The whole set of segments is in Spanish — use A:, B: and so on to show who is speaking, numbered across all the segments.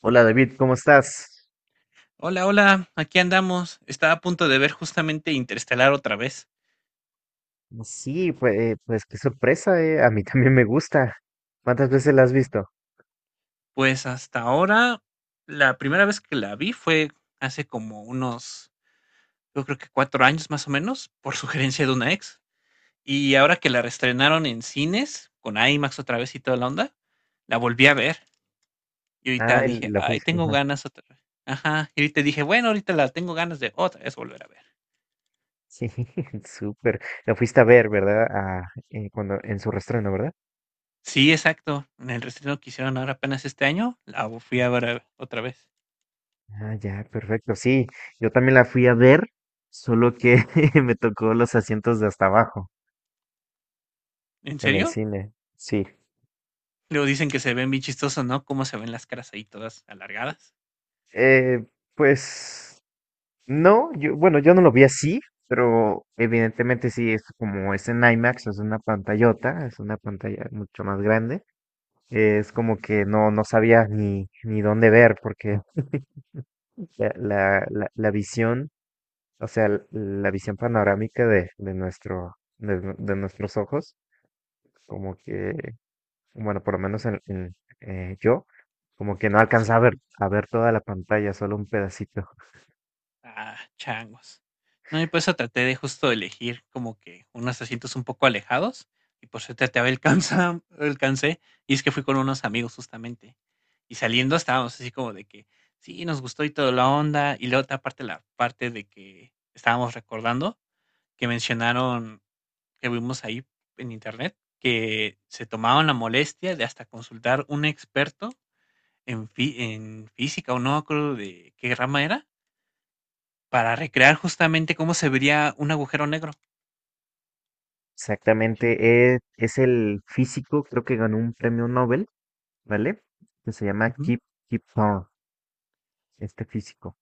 A: Hola David, ¿cómo estás?
B: Hola, hola, aquí andamos. Estaba a punto de ver justamente Interestelar otra vez.
A: Sí, pues, pues qué sorpresa, eh. A mí también me gusta. ¿Cuántas veces la has visto?
B: Pues hasta ahora, la primera vez que la vi fue hace como unos, yo creo que cuatro años más o menos, por sugerencia de una ex. Y ahora que la reestrenaron en cines, con IMAX otra vez y toda la onda, la volví a ver. Y
A: Ah,
B: ahorita dije,
A: la
B: ay,
A: fuiste.
B: tengo
A: Ajá.
B: ganas otra vez. Ajá, y ahorita dije, bueno, ahorita la tengo ganas de otra vez volver a ver.
A: Sí, súper. La fuiste a ver, ¿verdad? Ah, cuando, en su reestreno, ¿verdad?
B: Sí, exacto. En el reestreno que hicieron ahora apenas este año, la fui a ver otra vez.
A: Ah, ya, perfecto. Sí, yo también la fui a ver, solo que me tocó los asientos de hasta abajo
B: ¿En
A: en el
B: serio?
A: cine. Sí.
B: Luego dicen que se ven bien chistosos, ¿no? Cómo se ven las caras ahí todas alargadas,
A: Eh, pues. No, yo, bueno, yo no lo vi así, pero evidentemente sí, es como es en IMAX, es una pantallota, es una pantalla mucho más grande. Es como que no, no sabía ni, ni dónde ver, porque la visión, o sea, la visión panorámica de nuestro, de, de nuestros ojos, como que, bueno, por lo menos en, yo, como
B: en
A: que
B: tu
A: no
B: caso.
A: alcanzaba a ver toda la pantalla, solo un pedacito.
B: Ah, changos. No, y por eso traté de justo elegir como que unos asientos un poco alejados. Y por suerte alcancé. Y es que fui con unos amigos justamente. Y saliendo estábamos así como de que sí, nos gustó y toda la onda. Y la otra parte, la parte de que estábamos recordando, que mencionaron que vimos ahí en internet, que se tomaban la molestia de hasta consultar un experto en física, o no me acuerdo de qué rama era, para recrear justamente cómo se vería un agujero negro. Sí.
A: Exactamente, es el físico, creo que ganó un premio Nobel, ¿vale? Que se llama
B: Ujú,
A: Kip, Kip Thorne, este físico.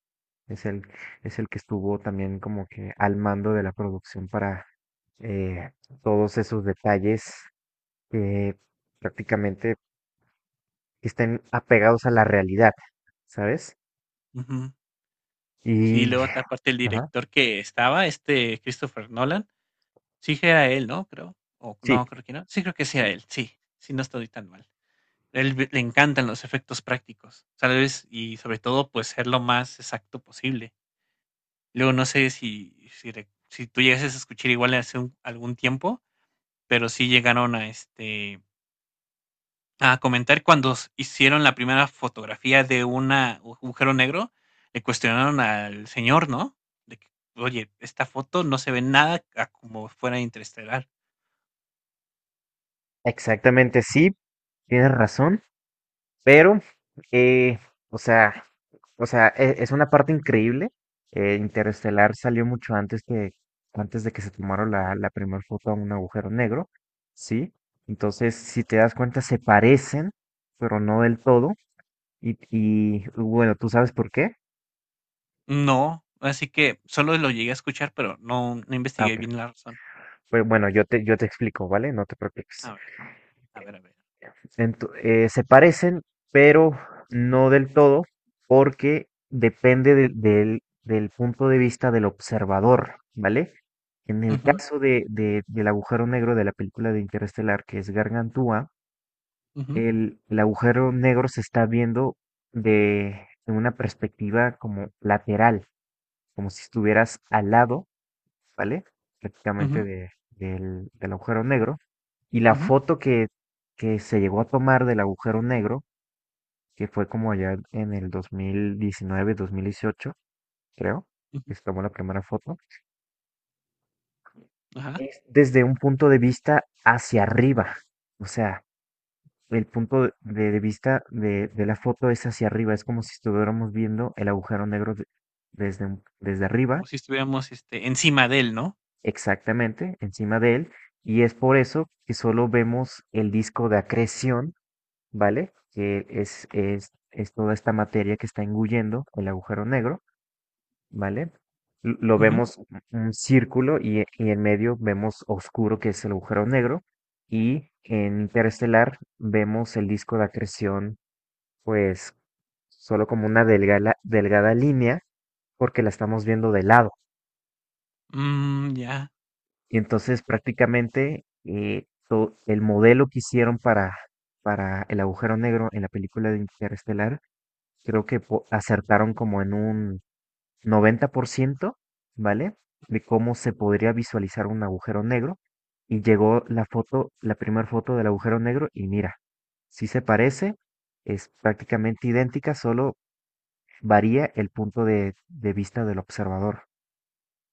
A: Es el, es el que estuvo también como que al mando de la producción para eh, todos esos detalles que prácticamente estén apegados a la realidad, ¿sabes?
B: ujú. Sí,
A: Y,
B: luego ta aparte el
A: ajá.
B: director que estaba, este, Christopher Nolan, sí que era él, ¿no? Creo, o
A: Sí,
B: no, creo que no. Sí, creo que sí era
A: sí.
B: él, sí, sí, no estoy tan mal. Él ve Le encantan los efectos prácticos, ¿sabes? Y sobre todo, pues, ser lo más exacto posible. Luego no sé si tú llegases a escuchar igual hace un algún tiempo, pero sí llegaron a, este a comentar cuando hicieron la primera fotografía de agujero negro, le cuestionaron al señor, ¿no? De que, oye, esta foto no se ve nada a como fuera interestelar.
A: Exactamente, sí, tienes razón, pero, eh, o sea... O sea, es una parte increíble. Interestelar salió mucho antes que antes de que se tomara la, la primera foto a un agujero negro, ¿sí? Entonces, si te das cuenta, se parecen, pero no del todo. Y bueno, ¿tú sabes por qué?
B: No, así que solo lo llegué a escuchar, pero no, no
A: Ah,
B: investigué
A: ok.
B: bien la razón.
A: Pues bueno, yo te explico, ¿vale? No te
B: A
A: preocupes.
B: ver, a ver, a ver.
A: Se parecen, pero no del todo, porque depende del, del punto de vista del observador, ¿vale? En el
B: Ujú,
A: caso de, del agujero negro de la película de Interestelar, que es Gargantúa,
B: ujú,
A: el agujero negro se está viendo de una perspectiva como lateral, como si estuvieras al lado, ¿vale? Prácticamente
B: ujú,
A: del, del agujero negro. Y la
B: ujú,
A: foto que se llegó a tomar del agujero negro que fue como allá en el 2019, 2018, creo, que
B: ujú.
A: se tomó la primera foto,
B: Ajá.
A: es desde un punto de vista hacia arriba. O sea, el punto de vista de la foto es hacia arriba, es como si estuviéramos viendo el agujero negro desde, desde arriba,
B: Como si estuviéramos este, encima de él, ¿no?
A: exactamente, encima de él, y es por eso que solo vemos el disco de acreción, ¿vale? Que es toda esta materia que está engullendo el agujero negro. ¿Vale? Lo
B: Ujú.
A: vemos un círculo y, y en medio vemos oscuro, que es el agujero negro, y en interestelar vemos el disco de acreción, pues solo como una delgada, delgada línea, porque la estamos viendo de lado.
B: Mm, ya.
A: Y entonces prácticamente el modelo que hicieron para el agujero negro en la película de Interestelar, creo que acertaron como en un 90%, ¿vale? De cómo se podría visualizar un agujero negro. Y llegó la foto, la primera foto del agujero negro y mira, sí se parece, es prácticamente idéntica, solo varía el punto de vista del observador.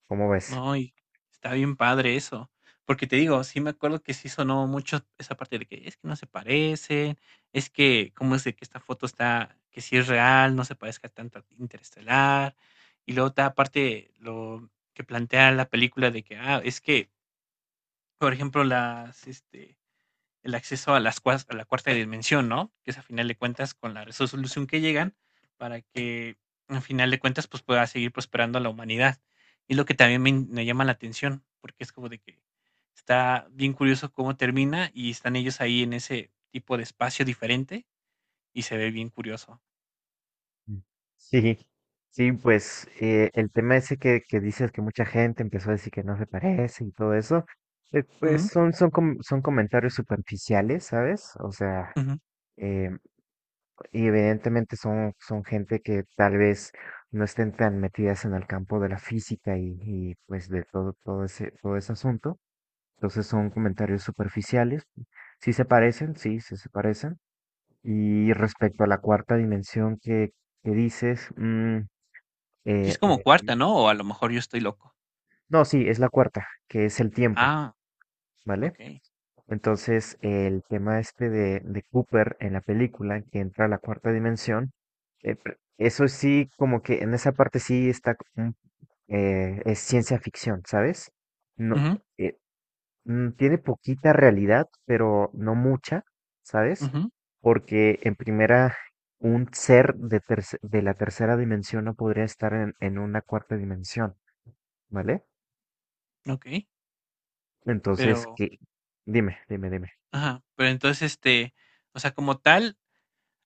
A: ¿Cómo ves?
B: No y está bien padre eso. Porque te digo, sí me acuerdo que sí sonó mucho esa parte de que es que no se parecen, es que cómo es de que esta foto está, que sí es real, no se parezca tanto a Interestelar. Y luego otra parte, lo que plantea la película de que, ah, es que, por ejemplo, las, este, el acceso a, las, a la cuarta dimensión, ¿no? Que es a final de cuentas con la resolución que llegan para que a final de cuentas pues pueda seguir prosperando la humanidad. Y lo que también me llama la atención, porque es como de que está bien curioso cómo termina y están ellos ahí en ese tipo de espacio diferente y se ve bien curioso.
A: Mm. Sí, sí, pues el tema ese que dices que mucha gente empezó a decir que no se parece y todo eso, pues
B: Ujú,
A: son, son, son comentarios superficiales, ¿sabes? O sea,
B: ujú.
A: y evidentemente son, son gente que tal vez no estén tan metidas en el campo de la física y, pues de todo, todo ese asunto. Entonces son comentarios superficiales. Sí se parecen, sí, sí se parecen. Y respecto a la cuarta dimensión que dices, mm,
B: Sí, es
A: en
B: como
A: el
B: cuarta, ¿no? O a lo mejor yo estoy loco.
A: no, sí, es la cuarta, que es el tiempo,
B: Ah,
A: ¿vale?
B: ok.
A: Entonces, el tema este de Cooper en la película, que entra a la cuarta dimensión, eso sí, como que en esa parte sí está, es ciencia ficción, ¿sabes? No,
B: Ujú,
A: eh, tiene poquita realidad, pero no mucha, ¿sabes?
B: ujú,
A: Porque en primera, un ser de, de la tercera dimensión no podría estar en una cuarta dimensión, ¿vale?
B: ok.
A: Entonces,
B: Pero,
A: que, dime, dime, dime.
B: ajá, pero entonces este, o sea, como tal,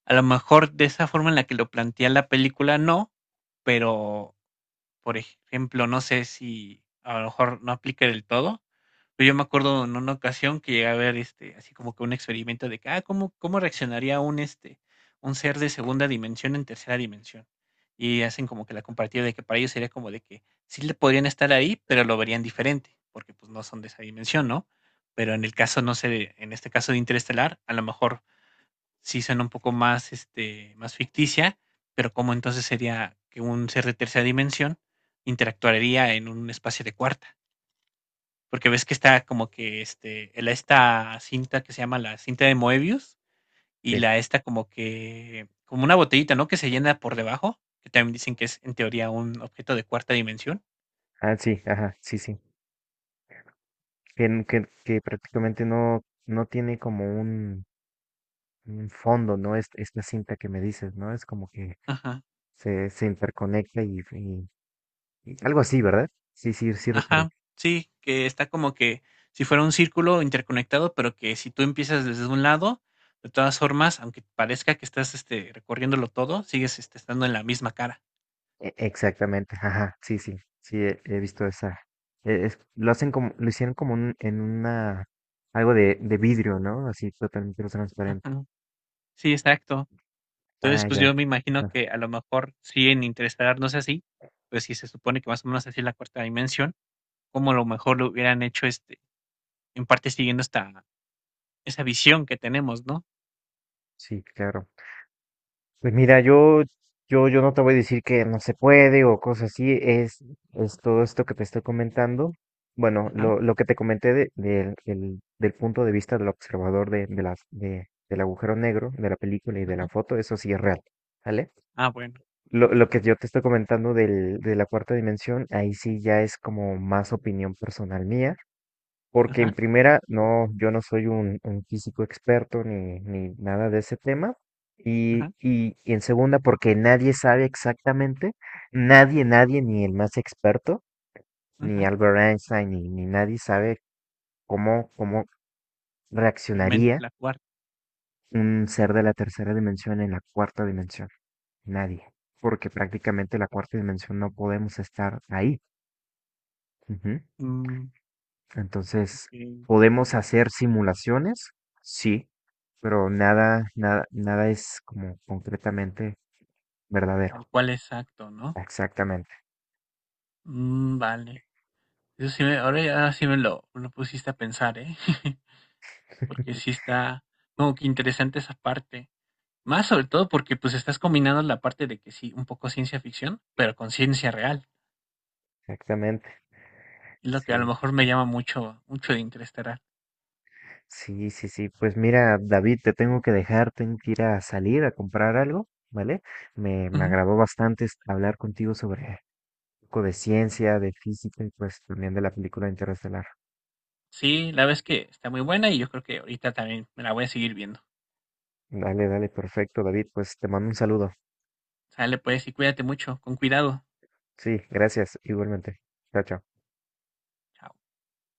B: a lo mejor de esa forma en la que lo plantea la película no, pero, por ejemplo, no sé si a lo mejor no aplica del todo, pero yo me acuerdo en una ocasión que llegué a ver este, así como que un experimento de que, ah, ¿cómo, cómo reaccionaría un este, un ser de segunda dimensión en tercera dimensión? Y hacen como que la comparativa de que para ellos sería como de que sí le podrían estar ahí, pero lo verían diferente, porque pues no son de esa dimensión, ¿no? Pero en el caso, no sé, en este caso de Interestelar, a lo mejor sí suena un poco más, este, más ficticia, pero cómo entonces sería que un ser de tercera dimensión interactuaría en un espacio de cuarta. Porque ves que está como que este, esta cinta que se llama la cinta de Moebius y
A: Sí.
B: la esta como que, como una botellita, ¿no? Que se llena por debajo, que también dicen que es en teoría un objeto de cuarta dimensión.
A: Ah, sí, ajá, sí, sí. Que, que prácticamente no, no tiene como un fondo, ¿no? Es, esta cinta que me dices, ¿no? Es como que
B: Ajá.
A: se interconecta y, y algo así, ¿verdad? Sí, sí, sí recuerdo.
B: Ajá, sí, que está como que si fuera un círculo interconectado, pero que si tú empiezas desde un lado, de todas formas, aunque parezca que estás este, recorriéndolo todo, sigues este, estando en la misma cara.
A: Exactamente, ajá, sí, sí, sí, he, he visto esa. Lo hacen como, lo hicieron como en una, algo de vidrio, ¿no? Así totalmente transparente.
B: Ujú, sí, exacto. Entonces,
A: Ah,
B: pues
A: ya.
B: yo me imagino
A: Ajá,
B: que a lo mejor sí en Interestelar no es así, pues si se supone que más o menos así es la cuarta dimensión, como a lo mejor lo hubieran hecho este, en parte siguiendo esta, esa visión que tenemos, ¿no?
A: sí, claro. Pues mira, yo no te voy a decir que no se puede o cosas así, es todo esto que te estoy comentando. Bueno,
B: Ajá,
A: lo que te comenté del punto de vista del observador de, del agujero negro, de la película y de la
B: ajá.
A: foto, eso sí es real, ¿vale?
B: Ah, bueno, ok.
A: Lo que yo te estoy comentando del, de la cuarta dimensión, ahí sí ya es como más opinión personal mía. Porque en
B: Ajá,
A: primera, no, yo no soy un físico experto ni, ni nada de ese tema.
B: ajá,
A: Y en segunda, porque nadie sabe exactamente, nadie, nadie, ni el más experto, ni
B: ajá.
A: Albert Einstein, ni, ni nadie sabe cómo, cómo
B: Realmente
A: reaccionaría
B: la cuarta.
A: un ser de la tercera dimensión en la cuarta dimensión. Nadie. Porque prácticamente la cuarta dimensión no podemos estar ahí. Ujú.
B: Mm.
A: Entonces,
B: Sí,
A: ¿podemos hacer simulaciones? Sí, pero nada, nada, nada es como concretamente verdadero.
B: tal cual, exacto, ¿no?
A: Exactamente,
B: Mm, vale. Eso sí ahora ya sí me lo pusiste a pensar, ¿eh? Porque sí está como que interesante esa parte. Más sobre todo porque pues estás combinando la parte de que sí, un poco ciencia ficción, pero con ciencia real.
A: exactamente.
B: Es lo que a lo
A: Sí,
B: mejor me llama mucho, mucho de Interestelar.
A: sí, sí, sí. Pues mira, David, te tengo que dejar, tengo que ir a salir a comprar algo, ¿vale? Me
B: Ujú.
A: agradó bastante hablar contigo sobre un poco de ciencia, de física y pues también de la película Interestelar.
B: Sí, la verdad es que está muy buena y yo creo que ahorita también me la voy a seguir viendo.
A: Dale, dale, perfecto, David. Pues te mando un saludo.
B: Sale pues y cuídate mucho, con cuidado.
A: Sí, gracias, igualmente. Chao, chao.
B: Chao.